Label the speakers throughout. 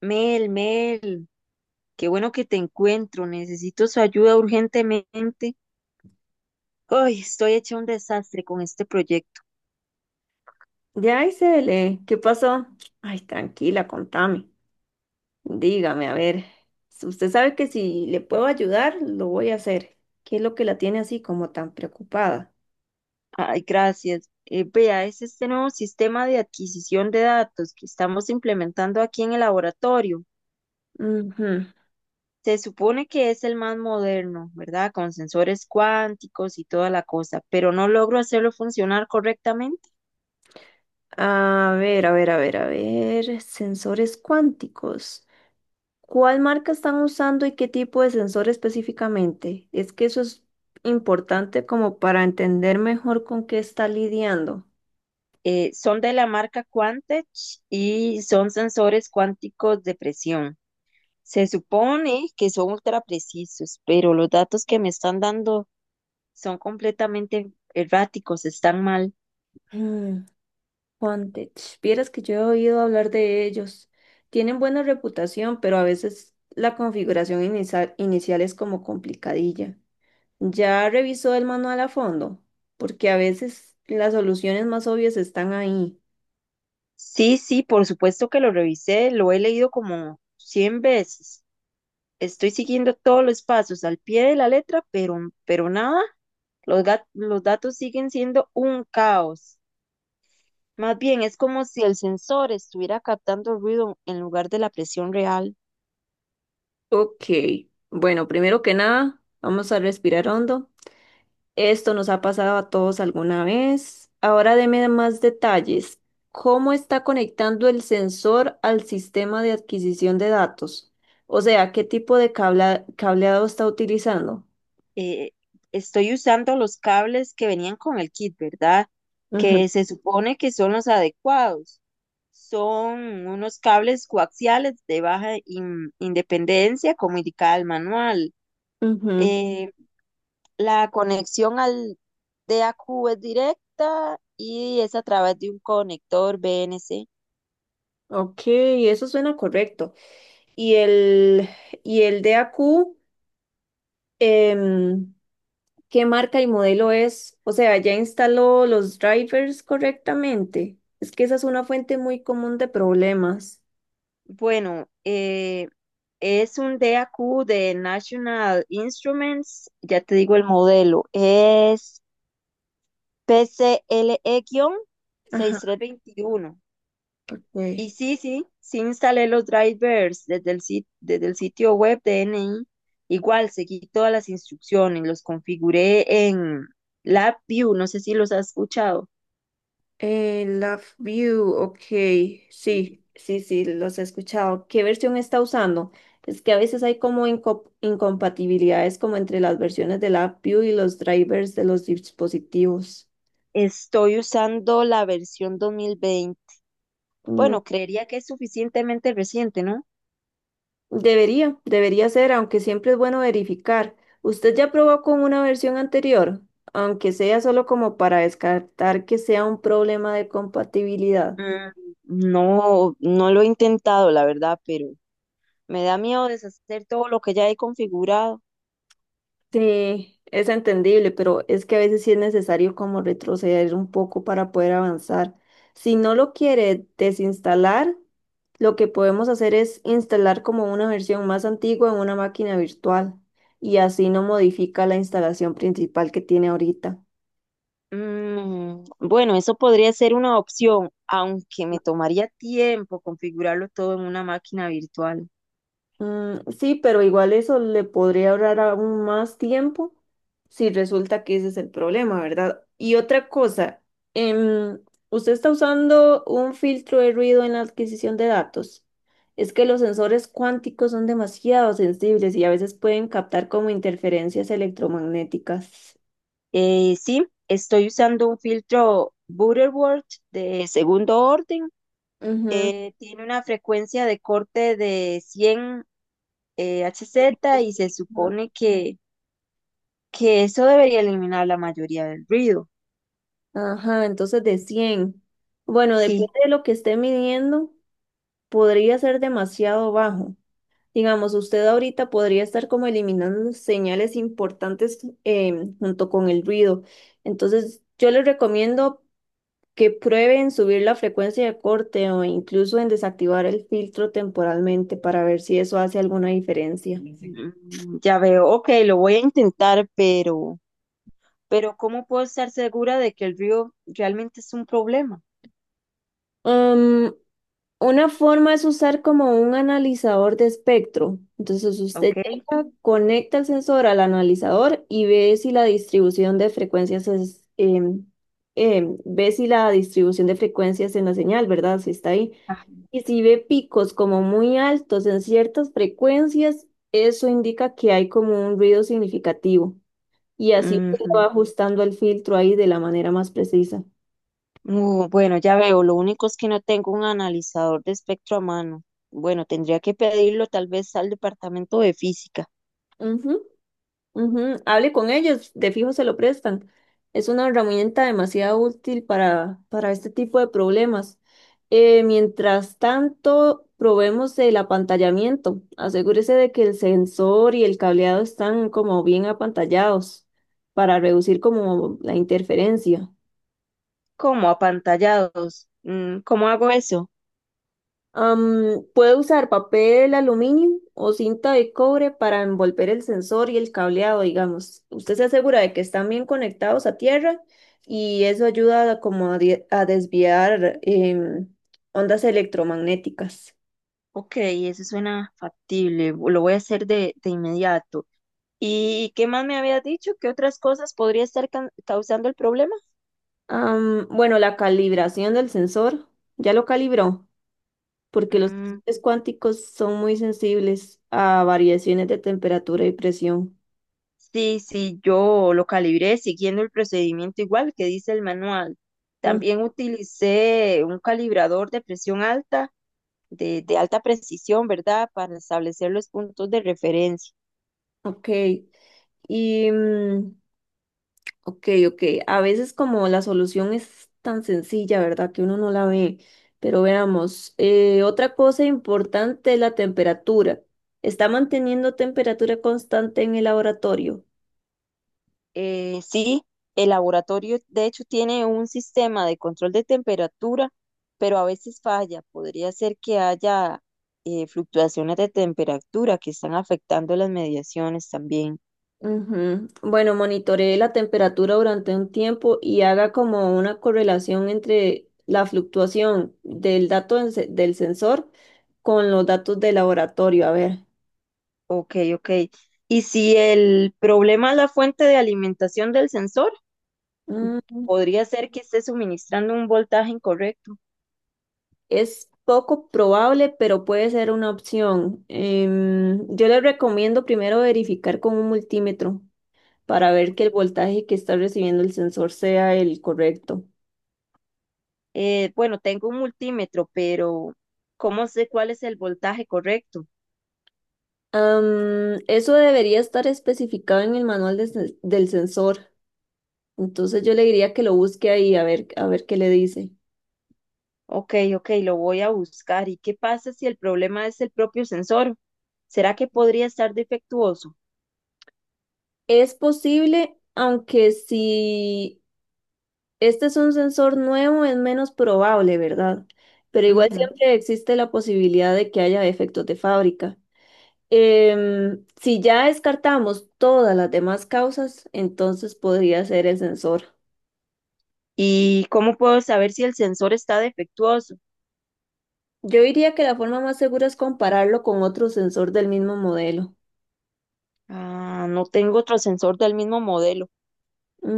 Speaker 1: Mel, Mel, qué bueno que te encuentro. Necesito su ayuda urgentemente. Ay, estoy hecha un desastre con este proyecto.
Speaker 2: Ya, Isabel, ¿qué pasó? Ay, tranquila, contame. Dígame, a ver, si usted sabe que si le puedo ayudar, lo voy a hacer. ¿Qué es lo que la tiene así como tan preocupada?
Speaker 1: Ay, gracias. Vea, es este nuevo sistema de adquisición de datos que estamos implementando aquí en el laboratorio.
Speaker 2: Ujú.
Speaker 1: Se supone que es el más moderno, ¿verdad? Con sensores cuánticos y toda la cosa, pero no logro hacerlo funcionar correctamente.
Speaker 2: A ver, a ver, a ver, a ver, sensores cuánticos. ¿Cuál marca están usando y qué tipo de sensor específicamente? Es que eso es importante como para entender mejor con qué está lidiando.
Speaker 1: Son de la marca Quantech y son sensores cuánticos de presión. Se supone que son ultra precisos, pero los datos que me están dando son completamente erráticos, están mal.
Speaker 2: Mm. Fondage. Vieras que yo he oído hablar de ellos. Tienen buena reputación, pero a veces la configuración inicial es como complicadilla. ¿Ya revisó el manual a fondo? Porque a veces las soluciones más obvias están ahí.
Speaker 1: Sí, sí, por supuesto que lo revisé, lo he leído como 100 veces. Estoy siguiendo todos los pasos al pie de la letra, pero nada, los datos siguen siendo un caos. Más bien, es como si el sensor estuviera captando ruido en lugar de la presión real.
Speaker 2: Ok. Bueno, primero que nada, vamos a respirar hondo. Esto nos ha pasado a todos alguna vez. Ahora deme más detalles. ¿Cómo está conectando el sensor al sistema de adquisición de datos? O sea, ¿qué tipo de cableado está utilizando?
Speaker 1: eh, Estoy usando los cables que venían con el kit, ¿verdad?
Speaker 2: Ujú,
Speaker 1: Que se supone que son los adecuados. Son unos cables coaxiales de baja independencia, como indicaba el manual.
Speaker 2: ujú.
Speaker 1: Eh, la conexión al DAQ es directa y es a través de un conector BNC.
Speaker 2: Ok, eso suena correcto. Y el, y el DAQ, em, ¿qué marca y modelo es? O sea, ¿ya instaló los drivers correctamente? Es que esa es una fuente muy común de problemas.
Speaker 1: Bueno, es un DAQ de National Instruments, ya te digo el modelo, es P C L E seis
Speaker 2: Ajá,
Speaker 1: PCLE-6321.
Speaker 2: ok.
Speaker 1: Y sí, sí, sí instalé los drivers desde el sitio web de N I. Igual, seguí todas las instrucciones, los configuré en LabVIEW, no sé si los has escuchado.
Speaker 2: Love View, ok, sí, sí, sí, los he escuchado. ¿Qué versión está usando? Es que a veces hay como incompatibilidades como entre las versiones de Love View y los drivers de los dispositivos.
Speaker 1: Estoy usando la versión 2020.
Speaker 2: Mm.
Speaker 1: Bueno, creería que es suficientemente reciente, ¿no?
Speaker 2: Debería ser, aunque siempre es bueno verificar. ¿Usted ya probó con una versión anterior? Aunque sea solo como para descartar que sea un problema de compatibilidad.
Speaker 1: Mm, No, no lo he intentado, la verdad, pero me da miedo deshacer todo lo que ya he configurado.
Speaker 2: Sí, es entendible, pero es que a veces sí es necesario como retroceder un poco para poder avanzar. Si no lo quiere desinstalar, lo que podemos hacer es instalar como una versión más antigua en una máquina virtual y así no modifica la instalación principal que tiene ahorita.
Speaker 1: Bueno, eso podría ser una opción, aunque me tomaría tiempo configurarlo todo en una máquina virtual.
Speaker 2: Mm, sí, pero igual eso le podría ahorrar aún más tiempo si resulta que ese es el problema, ¿verdad? Y otra cosa, em, usted está usando un filtro de ruido en la adquisición de datos. Es que los sensores cuánticos son demasiado sensibles y a veces pueden captar como interferencias electromagnéticas.
Speaker 1: Sí, estoy usando un filtro Butterworth de segundo orden.
Speaker 2: Ujú.
Speaker 1: Tiene una frecuencia de corte de 100 Hz y se supone que eso debería eliminar la mayoría del ruido.
Speaker 2: Ajá, entonces de 100. Bueno, depende
Speaker 1: Sí,
Speaker 2: de lo que esté midiendo, podría ser demasiado bajo. Digamos, usted ahorita podría estar como eliminando señales importantes, junto con el ruido. Entonces, yo les recomiendo que prueben subir la frecuencia de corte o incluso en desactivar el filtro temporalmente para ver si eso hace alguna diferencia.
Speaker 1: ya veo. Ok, lo voy a intentar, pero ¿cómo puedo estar segura de que el río realmente es un problema?
Speaker 2: Una forma es usar como un analizador de espectro. Entonces usted
Speaker 1: ¿Ok?
Speaker 2: llega, conecta el sensor al analizador y ve si la distribución de frecuencias ve si la distribución de frecuencias en la señal, ¿verdad? Si está ahí.
Speaker 1: Ajá.
Speaker 2: Y si ve picos como muy altos en ciertas frecuencias, eso indica que hay como un ruido significativo. Y así usted va
Speaker 1: Ujú.
Speaker 2: ajustando el filtro ahí de la manera más precisa.
Speaker 1: Bueno, ya veo, lo único es que no tengo un analizador de espectro a mano. Bueno, tendría que pedirlo tal vez al departamento de física.
Speaker 2: Ujú. Ujú, hable con ellos, de fijo se lo prestan. Es una herramienta demasiado útil para este tipo de problemas. Mientras tanto, probemos el apantallamiento. Asegúrese de que el sensor y el cableado están como bien apantallados para reducir como la interferencia.
Speaker 1: ¿Cómo? Apantallados. ¿Cómo hago eso?
Speaker 2: Puede usar papel aluminio o cinta de cobre para envolver el sensor y el cableado, digamos. Usted se asegura de que están bien conectados a tierra y eso ayuda a como a, die- a desviar ondas electromagnéticas.
Speaker 1: Ok, eso suena factible, lo voy a hacer de inmediato. ¿Y qué más me había dicho? ¿Qué otras cosas podría estar causando el problema?
Speaker 2: Bueno, la calibración del sensor, ya lo calibró, porque los
Speaker 1: Mm,
Speaker 2: sensores cuánticos son muy sensibles a variaciones de temperatura y presión.
Speaker 1: Sí, sí, yo lo calibré siguiendo el procedimiento igual que dice el manual.
Speaker 2: Mm,
Speaker 1: También utilicé un calibrador de presión alta, de alta precisión, ¿verdad? Para establecer los puntos de referencia.
Speaker 2: ok. Y ok, ok. A veces como la solución es tan sencilla, ¿verdad? Que uno no la ve. Pero veamos, otra cosa importante es la temperatura. ¿Está manteniendo temperatura constante en el laboratorio?
Speaker 1: Sí, el laboratorio de hecho tiene un sistema de control de temperatura, pero a veces falla. Podría ser que haya fluctuaciones de temperatura que están afectando las mediaciones también.
Speaker 2: Ujú. Bueno, monitoree la temperatura durante un tiempo y haga como una correlación entre la fluctuación del dato en del sensor con los datos del laboratorio. A ver.
Speaker 1: Ok, ok. Y si el problema es la fuente de alimentación del sensor,
Speaker 2: Mm.
Speaker 1: podría ser que esté suministrando un voltaje incorrecto.
Speaker 2: Es poco probable, pero puede ser una opción. Yo le recomiendo primero verificar con un multímetro para ver que el voltaje que está recibiendo el sensor sea el correcto.
Speaker 1: Bueno, tengo un multímetro, pero ¿cómo sé cuál es el voltaje correcto?
Speaker 2: Eso debería estar especificado en el manual de del sensor. Entonces yo le diría que lo busque ahí a ver qué le dice.
Speaker 1: Ok, ok, lo voy a buscar. ¿Y qué pasa si el problema es el propio sensor? ¿Será que podría estar defectuoso?
Speaker 2: Es posible, aunque si este es un sensor nuevo, es menos probable, ¿verdad? Pero igual
Speaker 1: Ujú.
Speaker 2: siempre existe la posibilidad de que haya defectos de fábrica. Si ya descartamos todas las demás causas, entonces podría ser el sensor.
Speaker 1: ¿Y cómo puedo saber si el sensor está defectuoso?
Speaker 2: Yo diría que la forma más segura es compararlo con otro sensor del mismo modelo.
Speaker 1: Ah, no tengo otro sensor del mismo modelo.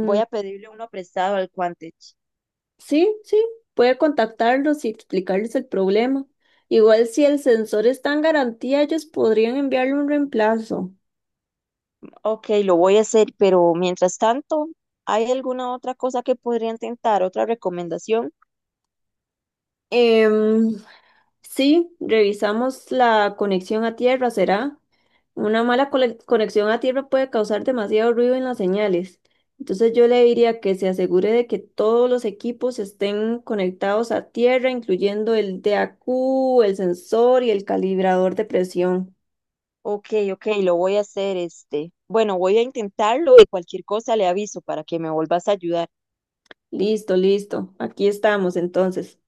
Speaker 1: Voy a pedirle uno prestado al Quantech.
Speaker 2: sí, sí, puede contactarlos y explicarles el problema. Igual si el sensor está en garantía, ellos podrían enviarle un reemplazo.
Speaker 1: Ok, lo voy a hacer, pero mientras tanto, ¿hay alguna otra cosa que podría intentar? ¿Otra recomendación?
Speaker 2: Em, Sí, revisamos la conexión a tierra, ¿será? Una mala conexión a tierra puede causar demasiado ruido en las señales. Entonces yo le diría que se asegure de que todos los equipos estén conectados a tierra, incluyendo el DAQ, el sensor y el calibrador de presión.
Speaker 1: Ok, ok, lo voy a hacer este. Bueno, voy a intentarlo y cualquier cosa le aviso para que me vuelvas a ayudar.
Speaker 2: Listo, listo. Aquí estamos entonces.